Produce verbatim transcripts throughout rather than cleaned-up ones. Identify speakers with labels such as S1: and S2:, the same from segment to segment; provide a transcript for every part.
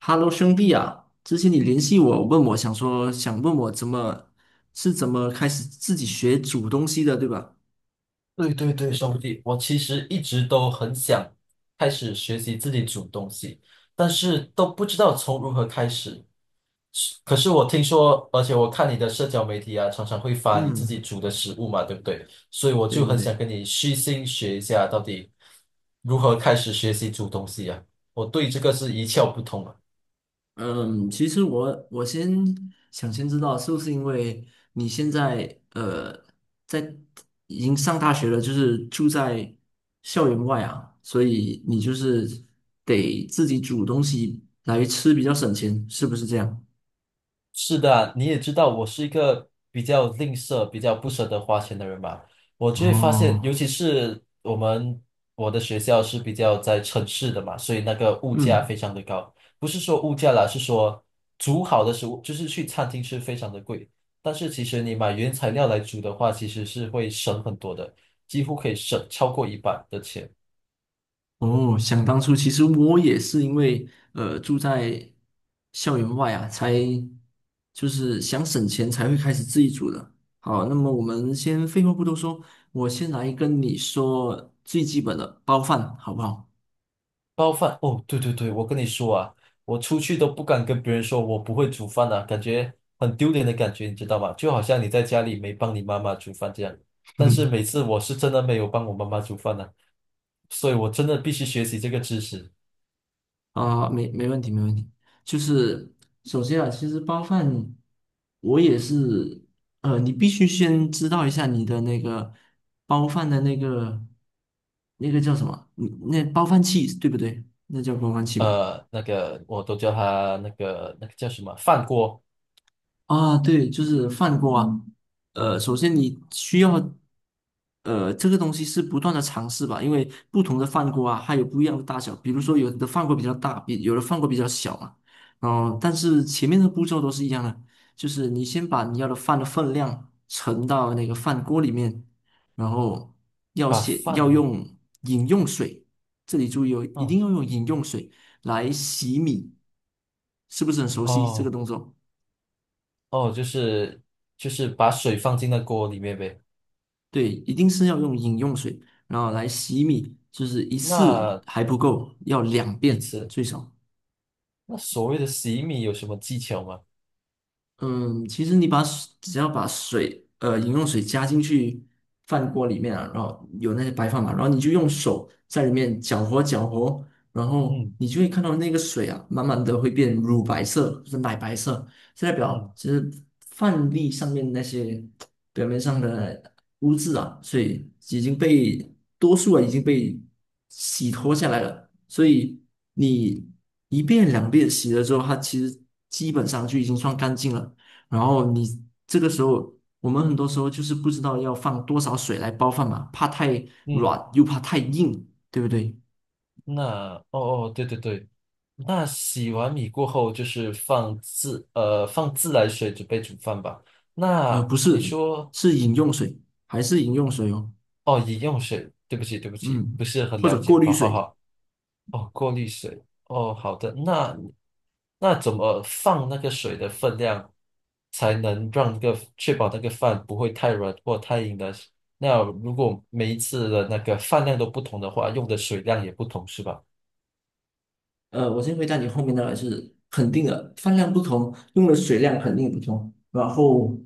S1: Hello，兄弟啊，之前你联系我，问我想说，想问我怎么是怎么开始自己学煮东西的，对吧？
S2: 对对对，兄弟，我其实一直都很想开始学习自己煮东西，但是都不知道从如何开始。是可是我听说，而且我看你的社交媒体啊，常常会发你自己
S1: 嗯，
S2: 煮的食物嘛，对不对？所以我
S1: 对
S2: 就
S1: 对
S2: 很想
S1: 对，
S2: 跟你虚心学一下，到底如何开始学习煮东西啊？我对这个是一窍不通啊。
S1: 嗯，其实我我先想先知道是不是因为你现在呃在已经上大学了，就是住在校园外啊，所以你就是得自己煮东西来吃比较省钱，是不是这样？
S2: 是的啊，你也知道我是一个比较吝啬、比较不舍得花钱的人嘛。我就会发现，
S1: 哦，
S2: 尤其是我们我的学校是比较在城市的嘛，所以那个物价
S1: 嗯。
S2: 非常的高。不是说物价啦，是说煮好的食物，就是去餐厅吃非常的贵。但是其实你买原材料来煮的话，其实是会省很多的，几乎可以省超过一半的钱。
S1: 哦，想当初，其实我也是因为呃住在校园外啊，才就是想省钱才会开始自己煮的。好，那么我们先废话不多说，我先来跟你说最基本的包饭，好不好？
S2: 包饭哦，对对对，我跟你说啊，我出去都不敢跟别人说我不会煮饭啊，感觉很丢脸的感觉，你知道吗？就好像你在家里没帮你妈妈煮饭这样。但是 每次我是真的没有帮我妈妈煮饭呢、所以我真的必须学习这个知识。
S1: 啊，没没问题，没问题。就是首先啊，其实包饭，我也是，呃，你必须先知道一下你的那个包饭的那个那个叫什么，嗯那包饭器对不对？那叫包饭器吧。
S2: 呃，那个我都叫他那个那个叫什么饭锅。
S1: 啊，对，就是饭锅啊。呃，首先你需要，呃，这个东西是不断的尝试吧，因为不同的饭锅啊，它有不一样的大小。比如说，有的饭锅比较大，比有的饭锅比较小嘛。然后，但是前面的步骤都是一样的，就是你先把你要的饭的分量盛到那个饭锅里面，然后要
S2: 把
S1: 先
S2: 饭
S1: 要
S2: 的，
S1: 用饮用水，这里注意哦，一定
S2: 嗯，
S1: 要用饮用水来洗米，是不是很熟悉这个
S2: 哦
S1: 动作？
S2: 哦，就是就是把水放进那锅里面呗。
S1: 对，一定是要用饮用水，然后来洗米，就是一次
S2: 那
S1: 还不够，要两
S2: 一
S1: 遍
S2: 次，
S1: 最少。
S2: 那所谓的洗米有什么技巧吗？
S1: 嗯，其实你把水只要把水，呃，饮用水加进去饭锅里面啊，然后有那些白饭嘛，然后你就用手在里面搅和搅和，然后
S2: 嗯
S1: 你就会看到那个水啊，慢慢的会变乳白色，就是奶白色，这代表
S2: 嗯。
S1: 其实饭粒上面那些表面上的污渍啊，所以已经被多数啊已经被洗脱下来了，所以你一遍两遍洗了之后，它其实基本上就已经算干净了。然后你这个时候，我们很多时候就是不知道要放多少水来煲饭嘛，怕太
S2: 嗯，
S1: 软又怕太硬，对不对？
S2: 那哦哦，对对对，那洗完米过后就是放自呃放自来水准备煮饭吧。
S1: 呃，
S2: 那
S1: 不
S2: 你
S1: 是，
S2: 说
S1: 是饮用水，还是饮用水哦，
S2: 哦，饮用水，对不起对不起，
S1: 嗯，
S2: 不是很
S1: 或
S2: 了
S1: 者过
S2: 解。
S1: 滤
S2: 好好
S1: 水。
S2: 好。哦，过滤水，哦，好的。那那怎么放那个水的分量，才能让那个确保那个饭不会太软或太硬的？那如果每一次的那个饭量都不同的话，用的水量也不同，是吧？
S1: 呃，我先回答你后面的是肯定的，饭量不同，用的水量肯定不同。然后，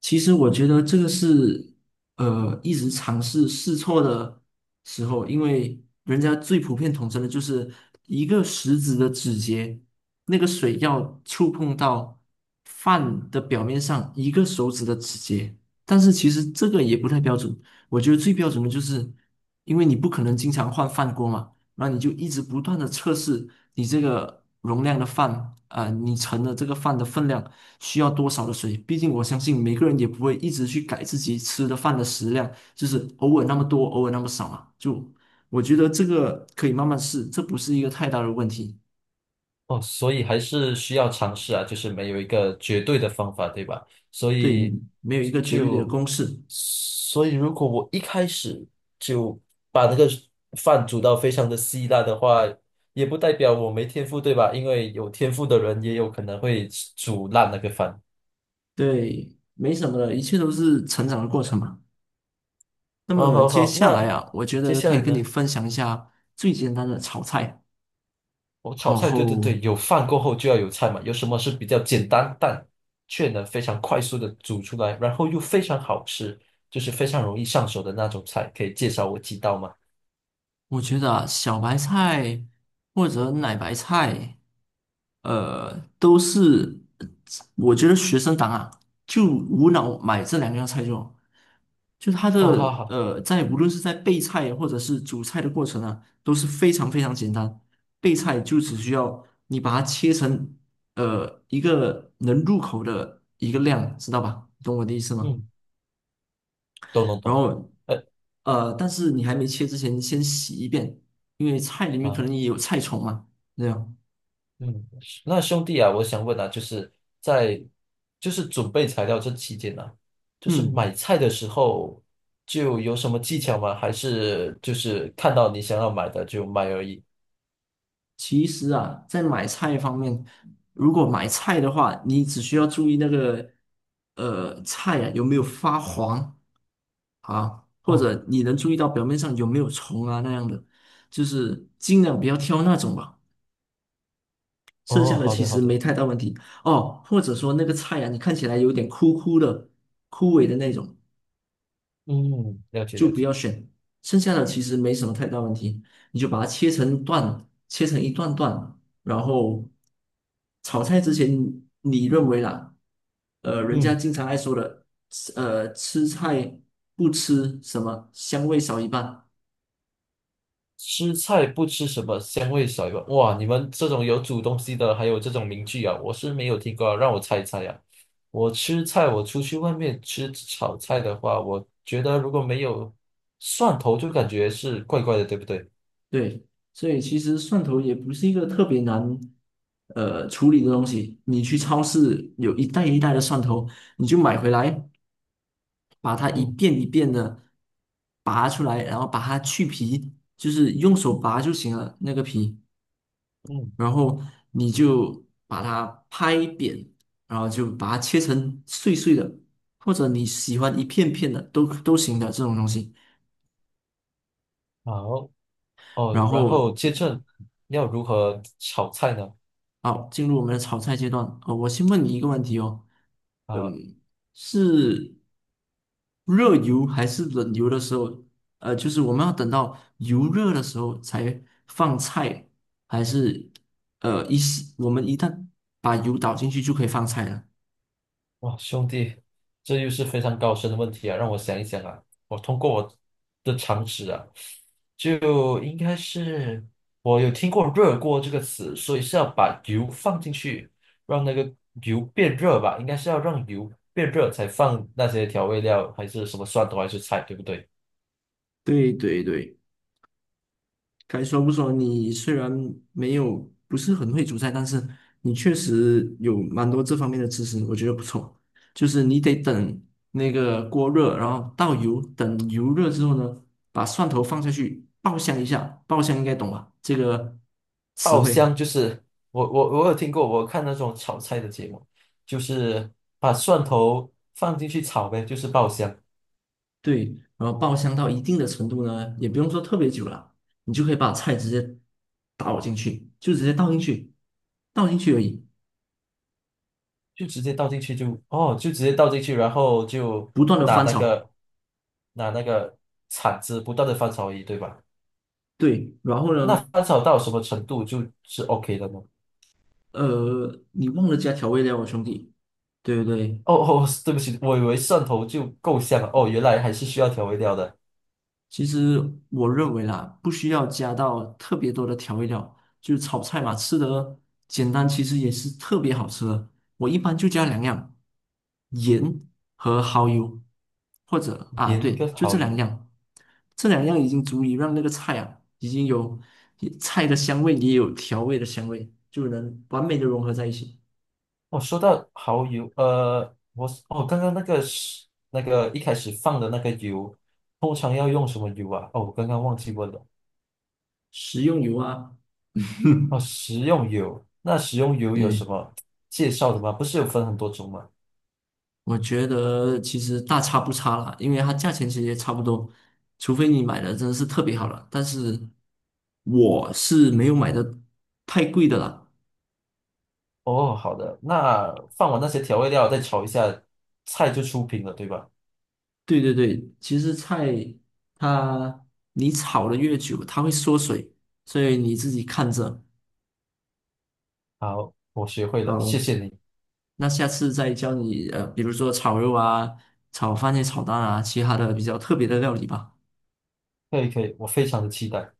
S1: 其实我觉得这个是呃一直尝试试错的时候，因为人家最普遍统称的就是一个食指的指节，那个水要触碰到饭的表面上一个手指的指节，但是其实这个也不太标准。我觉得最标准的就是，因为你不可能经常换饭锅嘛。那你就一直不断的测试你这个容量的饭啊、你盛的这个饭的分量需要多少的水？毕竟我相信每个人也不会一直去改自己吃的饭的食量，就是偶尔那么多，偶尔那么少嘛。就我觉得这个可以慢慢试，这不是一个太大的问题。
S2: 哦，所以还是需要尝试啊，就是没有一个绝对的方法，对吧？所
S1: 对，
S2: 以
S1: 没有一个绝对的
S2: 就，
S1: 公式，
S2: 所以如果我一开始就把那个饭煮到非常的稀烂的话，也不代表我没天赋，对吧？因为有天赋的人也有可能会煮烂那个饭。
S1: 对，没什么的，一切都是成长的过程嘛。那
S2: 哦，
S1: 么
S2: 好
S1: 接
S2: 好，
S1: 下来
S2: 那
S1: 啊，我觉
S2: 接
S1: 得
S2: 下
S1: 可以
S2: 来
S1: 跟你
S2: 呢？
S1: 分享一下最简单的炒菜，
S2: 我炒
S1: 然
S2: 菜，对对
S1: 后
S2: 对，有饭过后就要有菜嘛。有什么是比较简单但却能非常快速的煮出来，然后又非常好吃，就是非常容易上手的那种菜，可以介绍我几道吗？
S1: 我觉得啊，小白菜或者奶白菜，呃，都是我觉得学生党啊，就无脑买这两样菜就好，就它
S2: 哦，好
S1: 的
S2: 好，
S1: 呃，在无论是在备菜或者是煮菜的过程啊，都是非常非常简单。备菜就只需要你把它切成呃一个能入口的一个量，知道吧？懂我的意思吗？
S2: 嗯，懂懂
S1: 然
S2: 懂。
S1: 后
S2: 呃
S1: 呃，但是你还没切之前，先洗一遍，因为菜里面可
S2: 啊，
S1: 能也有菜虫嘛。这样，
S2: 嗯，那兄弟啊，我想问啊，就是在就是准备材料这期间呢、啊，就是
S1: 嗯，
S2: 买菜的时候就有什么技巧吗？还是就是看到你想要买的就买而已？
S1: 其实啊，在买菜方面，如果买菜的话，你只需要注意那个呃菜啊有没有发黄啊，或
S2: 哦
S1: 者你能注意到表面上有没有虫啊那样的，就是尽量不要挑那种吧。剩
S2: 哦，
S1: 下的
S2: 好
S1: 其
S2: 的好
S1: 实没
S2: 的。
S1: 太大问题哦，或者说那个菜啊，你看起来有点枯枯的、枯萎的那种。
S2: 嗯，了解
S1: 就
S2: 了
S1: 不
S2: 解。
S1: 要选，剩下的其实没什么太大问题，你就把它切成段，切成一段段，然后炒菜之前，你认为啦，呃，人家
S2: 嗯，
S1: 经常爱说的，呃，吃菜不吃什么香味少一半，
S2: 吃菜不吃什么，香味少一半。哇，你们这种有煮东西的，还有这种名句啊，我是没有听过啊，让我猜一猜呀、我吃菜，我出去外面吃炒菜的话，我觉得如果没有蒜头，就感觉是怪怪的，对不对？
S1: 对，所以其实蒜头也不是一个特别难。呃，处理的东西，你去超市有一袋一袋的蒜头，你就买回来，把它一
S2: 嗯
S1: 遍一遍的拔出来，然后把它去皮，就是用手拔就行了那个皮，
S2: 嗯，
S1: 然后你就把它拍扁，然后就把它切成碎碎的，或者你喜欢一片片的都都行的这种东西，
S2: 好
S1: 然
S2: 哦，然
S1: 后
S2: 后接着要如何炒菜呢？
S1: 好，进入我们的炒菜阶段。呃，我先问你一个问题哦，
S2: 啊、
S1: 嗯，是热油还是冷油的时候？呃，就是我们要等到油热的时候才放菜，还是呃一时我们一旦把油倒进去就可以放菜了？
S2: 哇，兄弟，这又是非常高深的问题啊！让我想一想啊，我通过我的常识啊，就应该是我有听过“热锅”这个词，所以是要把油放进去，让那个油变热吧？应该是要让油变热才放那些调味料，还是什么蒜头还是菜，对不对？
S1: 对对对，该说不说，你虽然没有不是很会煮菜，但是你确实有蛮多这方面的知识，我觉得不错。就是你得等那个锅热，然后倒油，等油热之后呢，把蒜头放下去爆香一下，爆香应该懂吧？这个词
S2: 爆
S1: 汇，
S2: 香就是我我我有听过，我看那种炒菜的节目，就是把蒜头放进去炒呗，就是爆香。
S1: 对，然后爆香到一定的程度呢，也不用说特别久了，你就可以把菜直接倒进去，就直接倒进去，倒进去而已，
S2: 就直接倒进去就哦，就直接倒进去，然后就
S1: 不断的
S2: 拿
S1: 翻
S2: 那
S1: 炒。
S2: 个拿那个铲子不断的翻炒而已，对吧？
S1: 对，然后
S2: 那
S1: 呢？
S2: 翻炒到什么程度就是 OK 的吗？
S1: 呃，你忘了加调味料啊，兄弟。对对对，
S2: 哦哦，对不起，我以为蒜头就够香了，哦，原来还是需要调味料的，
S1: 其实我认为啦，不需要加到特别多的调味料，就是炒菜嘛，吃的简单，其实也是特别好吃的。我一般就加两样，盐和蚝油，或者啊，
S2: 盐
S1: 对，
S2: 跟
S1: 就这
S2: 蚝
S1: 两
S2: 油。
S1: 样，这两样已经足以让那个菜啊，已经有菜的香味，也有调味的香味，就能完美的融合在一起。
S2: 哦，说到蚝油，呃，我哦，刚刚那个是那个一开始放的那个油，通常要用什么油啊？哦，我刚刚忘记问了。
S1: 食用油啊。
S2: 哦，食用油，那食用油有什
S1: 对，
S2: 么介绍的吗？不是有分很多种吗？
S1: 我觉得其实大差不差啦，因为它价钱其实也差不多，除非你买的真的是特别好了。但是我是没有买的太贵的啦。
S2: 哦，好的，那放完那些调味料再炒一下，菜就出品了，对吧？
S1: 对对对，其实菜它你炒的越久，它会缩水，所以你自己看着。
S2: 好，我学会了，谢
S1: 好，
S2: 谢你。
S1: 那下次再教你呃，比如说炒肉啊、炒番茄炒蛋啊，其他的比较特别的料理吧。
S2: 可以可以，我非常的期待。